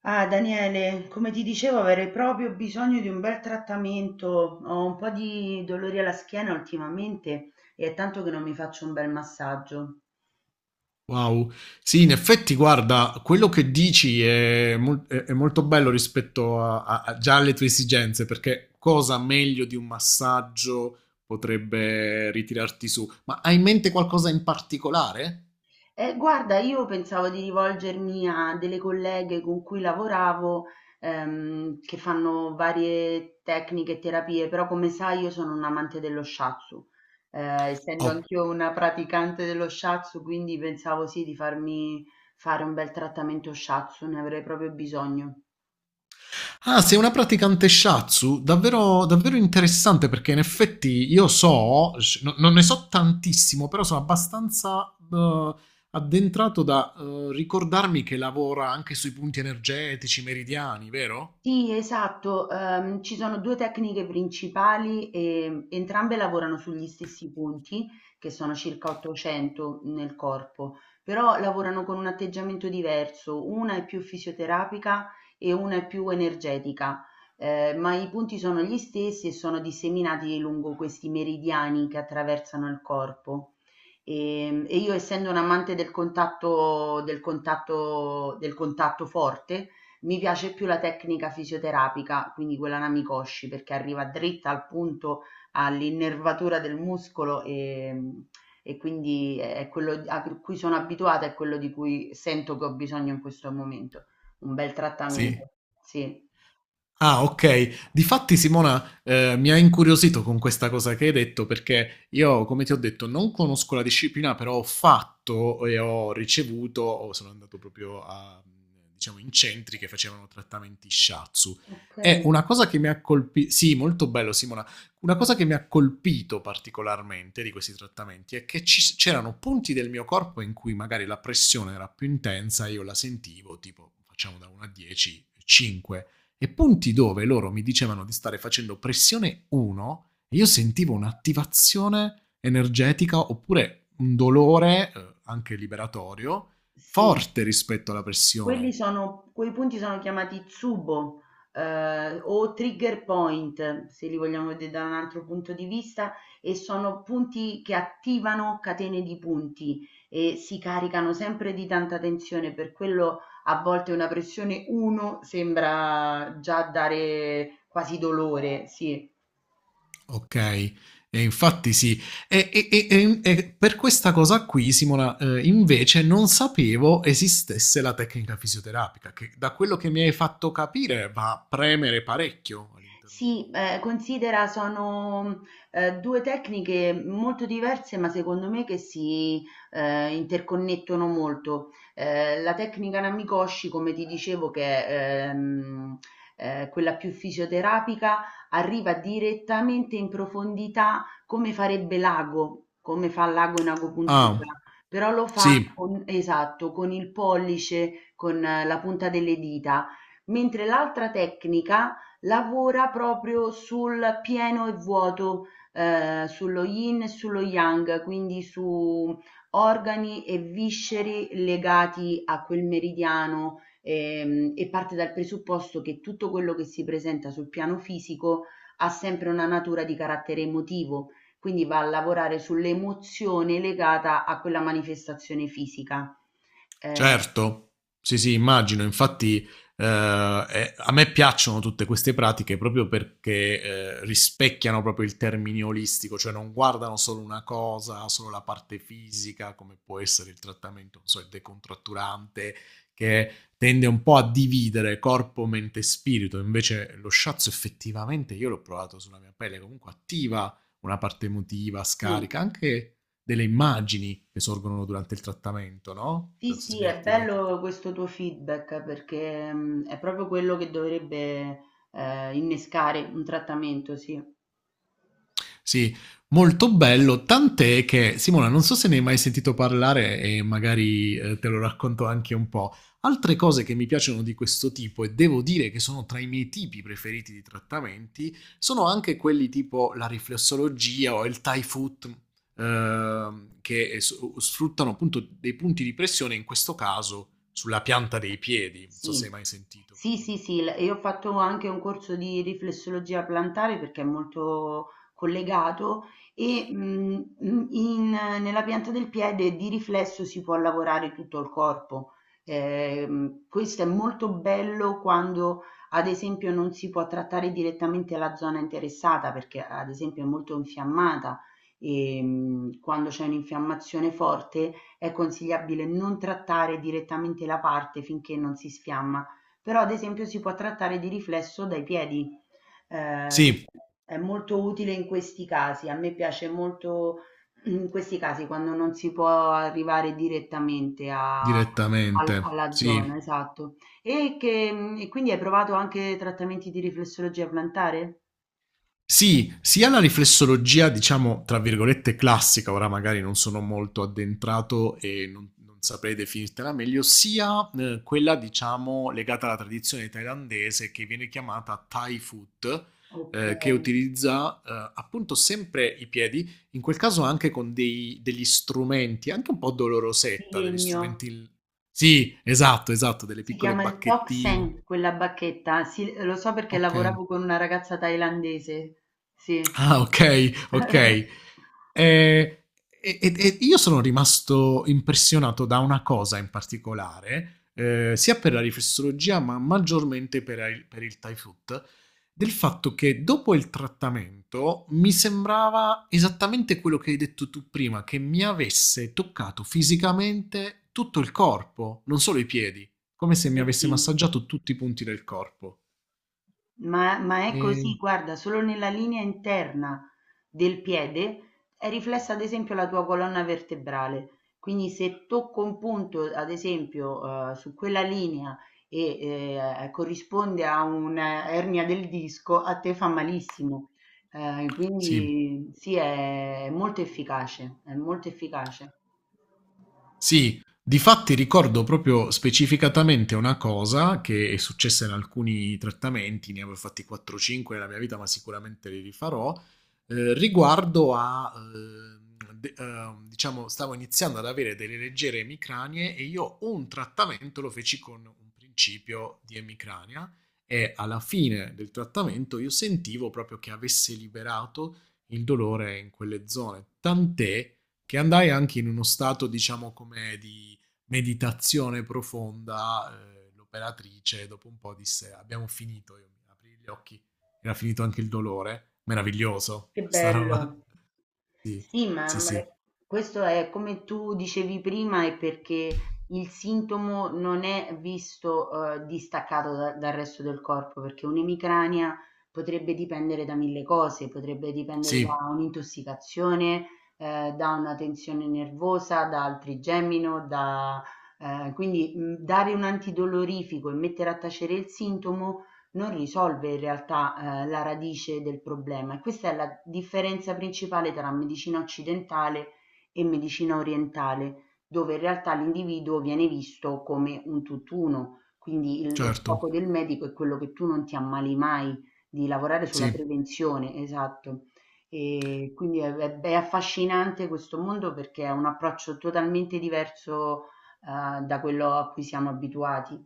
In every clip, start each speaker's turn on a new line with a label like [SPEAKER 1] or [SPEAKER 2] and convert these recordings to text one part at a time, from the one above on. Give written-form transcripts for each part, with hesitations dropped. [SPEAKER 1] Ah, Daniele, come ti dicevo, avrei proprio bisogno di un bel trattamento. Ho un po' di dolori alla schiena ultimamente e è tanto che non mi faccio un bel massaggio.
[SPEAKER 2] Wow, sì, in effetti, guarda, quello che dici è, è molto bello rispetto già alle tue esigenze, perché cosa meglio di un massaggio potrebbe ritirarti su? Ma hai in mente qualcosa in particolare?
[SPEAKER 1] Guarda, io pensavo di rivolgermi a delle colleghe con cui lavoravo, che fanno varie tecniche e terapie, però come sai io sono un amante dello shiatsu. Essendo anch'io una praticante dello shiatsu, quindi pensavo sì di farmi fare un bel trattamento shiatsu, ne avrei proprio bisogno.
[SPEAKER 2] Ah, sei una praticante shatsu? Davvero, davvero interessante perché in effetti io so, non ne so tantissimo, però sono abbastanza addentrato da ricordarmi che lavora anche sui punti energetici meridiani, vero?
[SPEAKER 1] Sì, esatto. Ci sono 2 tecniche principali, entrambe lavorano sugli stessi punti, che sono circa 800 nel corpo, però lavorano con un atteggiamento diverso. Una è più fisioterapica e una è più energetica, ma i punti sono gli stessi e sono disseminati lungo questi meridiani che attraversano il corpo. E io essendo un amante del contatto forte, mi piace più la tecnica fisioterapica, quindi quella Namikoshi, perché arriva dritta al punto, all'innervatura del muscolo e quindi è quello a cui sono abituata, è quello di cui sento che ho bisogno in questo momento. Un bel
[SPEAKER 2] Sì.
[SPEAKER 1] trattamento, sì.
[SPEAKER 2] Ah, ok. Difatti, Simona, mi ha incuriosito con questa cosa che hai detto, perché io, come ti ho detto, non conosco la disciplina, però ho fatto e ho ricevuto, o sono andato proprio a, diciamo, in centri che facevano trattamenti shiatsu.
[SPEAKER 1] Ok.
[SPEAKER 2] E una cosa che mi ha colpito, sì, molto bello, Simona, una cosa che mi ha colpito particolarmente di questi trattamenti è che c'erano punti del mio corpo in cui magari la pressione era più intensa, e io la sentivo, tipo, facciamo da 1 a 10, 5, e punti dove loro mi dicevano di stare facendo pressione 1 e io sentivo un'attivazione energetica oppure un dolore, anche liberatorio,
[SPEAKER 1] Sì.
[SPEAKER 2] forte rispetto alla
[SPEAKER 1] Quelli
[SPEAKER 2] pressione.
[SPEAKER 1] sono quei punti sono chiamati "tsubo", o trigger point, se li vogliamo vedere da un altro punto di vista, e sono punti che attivano catene di punti e si caricano sempre di tanta tensione, per quello a volte una pressione 1 sembra già dare quasi dolore, sì.
[SPEAKER 2] Ok, e infatti sì. E per questa cosa qui, Simona, invece non sapevo esistesse la tecnica fisioterapica, che da quello che mi hai fatto capire va a premere parecchio all'interno dei...
[SPEAKER 1] Sì, considera sono due tecniche molto diverse, ma secondo me che si interconnettono molto. La tecnica Namikoshi, come ti dicevo, che è quella più fisioterapica, arriva direttamente in profondità come farebbe l'ago, come fa l'ago in agopuntura,
[SPEAKER 2] Ah,
[SPEAKER 1] però lo fa
[SPEAKER 2] sì.
[SPEAKER 1] con, esatto, con il pollice, con la punta delle dita, mentre l'altra tecnica lavora proprio sul pieno e vuoto, sullo yin e sullo yang, quindi su organi e visceri legati a quel meridiano, e parte dal presupposto che tutto quello che si presenta sul piano fisico ha sempre una natura di carattere emotivo, quindi va a lavorare sull'emozione legata a quella manifestazione fisica. Ehm,
[SPEAKER 2] Certo, sì, sì, immagino. Infatti, eh, a me piacciono tutte queste pratiche proprio perché rispecchiano proprio il termine olistico, cioè non guardano solo una cosa, solo la parte fisica, come può essere il trattamento, non so, il decontratturante, che tende un po' a dividere corpo, mente e spirito. Invece lo shiatsu effettivamente, io l'ho provato sulla mia pelle, comunque attiva una parte emotiva,
[SPEAKER 1] sì.
[SPEAKER 2] scarica anche delle immagini che sorgono durante il trattamento, no?
[SPEAKER 1] Sì,
[SPEAKER 2] Non so se
[SPEAKER 1] sì,
[SPEAKER 2] mi
[SPEAKER 1] è
[SPEAKER 2] ti è mai capitato.
[SPEAKER 1] bello questo tuo feedback perché è proprio quello che dovrebbe innescare un trattamento, sì.
[SPEAKER 2] Sì, molto bello, tant'è che Simona, non so se ne hai mai sentito parlare e magari te lo racconto anche un po'. Altre cose che mi piacciono di questo tipo e devo dire che sono tra i miei tipi preferiti di trattamenti sono anche quelli tipo la riflessologia o il Thai foot, che sfruttano appunto dei punti di pressione in questo caso sulla pianta dei piedi, non so se hai
[SPEAKER 1] Sì,
[SPEAKER 2] mai sentito.
[SPEAKER 1] sì,
[SPEAKER 2] Mhm.
[SPEAKER 1] sì, sì, io ho fatto anche un corso di riflessologia plantare perché è molto collegato e nella pianta del piede di riflesso si può lavorare tutto il corpo. Questo è molto bello quando, ad esempio, non si può trattare direttamente la zona interessata perché, ad esempio, è molto infiammata e quando c'è un'infiammazione forte è consigliabile non trattare direttamente la parte finché non si sfiamma però ad esempio si può trattare di riflesso dai piedi, quindi
[SPEAKER 2] Sì,
[SPEAKER 1] è molto utile in questi casi. A me piace molto in questi casi quando non si può arrivare direttamente a al
[SPEAKER 2] direttamente.
[SPEAKER 1] alla
[SPEAKER 2] Sì.
[SPEAKER 1] zona, esatto. E che mhmm, e quindi hai provato anche trattamenti di riflessologia plantare?
[SPEAKER 2] Sì, sia la riflessologia, diciamo, tra virgolette classica, ora magari non sono molto addentrato e non, non saprei definirtela meglio, sia quella, diciamo, legata alla tradizione thailandese che viene chiamata Thai foot, che
[SPEAKER 1] Okay,
[SPEAKER 2] utilizza appunto sempre i piedi, in quel caso anche con degli strumenti, anche un po'
[SPEAKER 1] di
[SPEAKER 2] dolorosetta, degli
[SPEAKER 1] legno.
[SPEAKER 2] strumenti... Sì, esatto, esatto, delle
[SPEAKER 1] Si
[SPEAKER 2] piccole
[SPEAKER 1] chiama il Tok
[SPEAKER 2] bacchettine.
[SPEAKER 1] Seng quella bacchetta. Sì, lo so perché
[SPEAKER 2] Ok.
[SPEAKER 1] lavoravo con una ragazza thailandese. Sì.
[SPEAKER 2] Ah, ok, ok. Eh, e io sono rimasto impressionato da una cosa in particolare, sia per la riflessologia, ma maggiormente per, per il Thai food, del fatto che dopo il trattamento mi sembrava esattamente quello che hai detto tu prima, che mi avesse toccato fisicamente tutto il corpo, non solo i piedi, come se mi
[SPEAKER 1] Sì,
[SPEAKER 2] avesse
[SPEAKER 1] sì,
[SPEAKER 2] massaggiato tutti i punti del corpo.
[SPEAKER 1] ma è così,
[SPEAKER 2] E...
[SPEAKER 1] guarda, solo nella linea interna del piede è riflessa ad esempio la tua colonna vertebrale. Quindi se tocco un punto, ad esempio, su quella linea e corrisponde a un'ernia del disco, a te fa malissimo.
[SPEAKER 2] Sì.
[SPEAKER 1] Quindi sì, è molto efficace, è molto efficace.
[SPEAKER 2] Sì, difatti ricordo proprio specificatamente una cosa che è successa in alcuni trattamenti, ne avevo fatti 4-5 nella mia vita, ma sicuramente li rifarò, riguardo a, diciamo, stavo iniziando ad avere delle leggere emicranie e io un trattamento lo feci con un principio di emicrania e alla fine del trattamento io sentivo proprio che avesse liberato il dolore in quelle zone, tant'è che andai anche in uno stato, diciamo, come di meditazione profonda. L'operatrice, dopo un po', disse: abbiamo finito. Io mi aprii gli occhi, era finito anche il dolore. Meraviglioso,
[SPEAKER 1] Che
[SPEAKER 2] questa roba.
[SPEAKER 1] bello.
[SPEAKER 2] Sì,
[SPEAKER 1] Sì,
[SPEAKER 2] sì, sì,
[SPEAKER 1] questo è come tu dicevi prima, è perché il sintomo non è visto distaccato dal resto del corpo, perché un'emicrania potrebbe dipendere da mille cose, potrebbe dipendere da
[SPEAKER 2] sì,
[SPEAKER 1] un'intossicazione, da una tensione nervosa, da altrigemino, da, quindi dare un antidolorifico e mettere a tacere il sintomo non risolve in realtà la radice del problema e questa è la differenza principale tra medicina occidentale e medicina orientale, dove in realtà l'individuo viene visto come un tutt'uno, quindi lo
[SPEAKER 2] certo,
[SPEAKER 1] scopo del medico è quello che tu non ti ammali mai, di lavorare sulla
[SPEAKER 2] sì.
[SPEAKER 1] prevenzione, esatto. E quindi è affascinante questo mondo perché è un approccio totalmente diverso da quello a cui siamo abituati.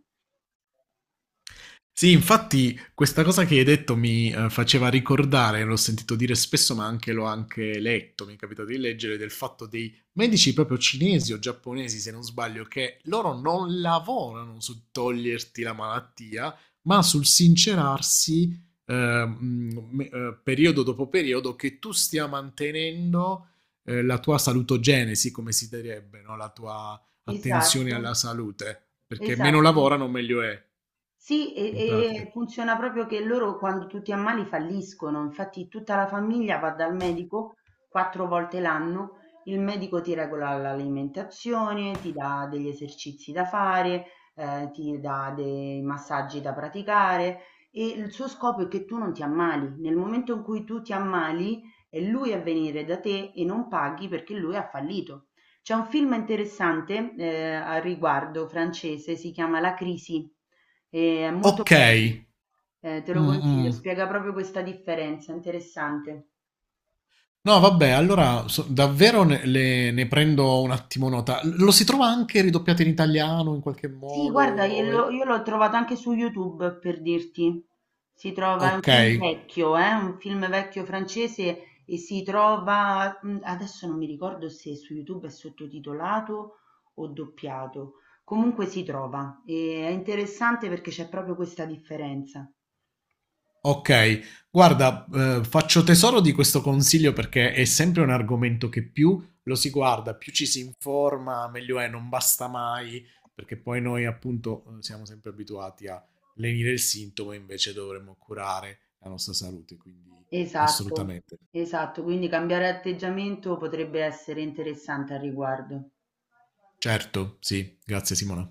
[SPEAKER 2] Sì, infatti questa cosa che hai detto mi faceva ricordare, l'ho sentito dire spesso, ma anche l'ho anche letto, mi è capitato di leggere, del fatto dei medici proprio cinesi o giapponesi, se non sbaglio, che loro non lavorano su toglierti la malattia, ma sul sincerarsi eh, periodo dopo periodo che tu stia mantenendo la tua salutogenesi, come si direbbe, no? La tua attenzione
[SPEAKER 1] Esatto,
[SPEAKER 2] alla salute, perché meno
[SPEAKER 1] esatto.
[SPEAKER 2] lavorano meglio è,
[SPEAKER 1] Sì,
[SPEAKER 2] in
[SPEAKER 1] e
[SPEAKER 2] pratica.
[SPEAKER 1] funziona proprio che loro quando tu ti ammali falliscono, infatti tutta la famiglia va dal medico 4 volte l'anno, il medico ti regola l'alimentazione, ti dà degli esercizi da fare, ti dà dei massaggi da praticare e il suo scopo è che tu non ti ammali. Nel momento in cui tu ti ammali è lui a venire da te e non paghi perché lui ha fallito. C'è un film interessante, al riguardo francese, si chiama La Crisi e è molto bello,
[SPEAKER 2] Okay.
[SPEAKER 1] te lo consiglio,
[SPEAKER 2] Mh-mh.
[SPEAKER 1] spiega proprio questa differenza, interessante.
[SPEAKER 2] No vabbè, allora so davvero ne prendo un attimo nota. L Lo si trova anche ridoppiato in italiano in qualche
[SPEAKER 1] Sì,
[SPEAKER 2] modo
[SPEAKER 1] guarda, io
[SPEAKER 2] o è
[SPEAKER 1] l'ho io l'ho trovato anche su YouTube per dirti. Si trova, è
[SPEAKER 2] okay,
[SPEAKER 1] un film vecchio francese e si trova, adesso non mi ricordo se su YouTube è sottotitolato o doppiato, comunque si trova e è interessante perché c'è proprio questa differenza.
[SPEAKER 2] okay. Guarda, faccio tesoro di questo consiglio perché è sempre un argomento che più lo si guarda, più ci si informa, meglio è, non basta mai, perché poi noi appunto, siamo sempre abituati a lenire il sintomo e invece dovremmo curare la nostra salute, quindi
[SPEAKER 1] Esatto,
[SPEAKER 2] assolutamente.
[SPEAKER 1] esatto, quindi cambiare atteggiamento potrebbe essere interessante al riguardo.
[SPEAKER 2] Certo, sì, grazie Simona.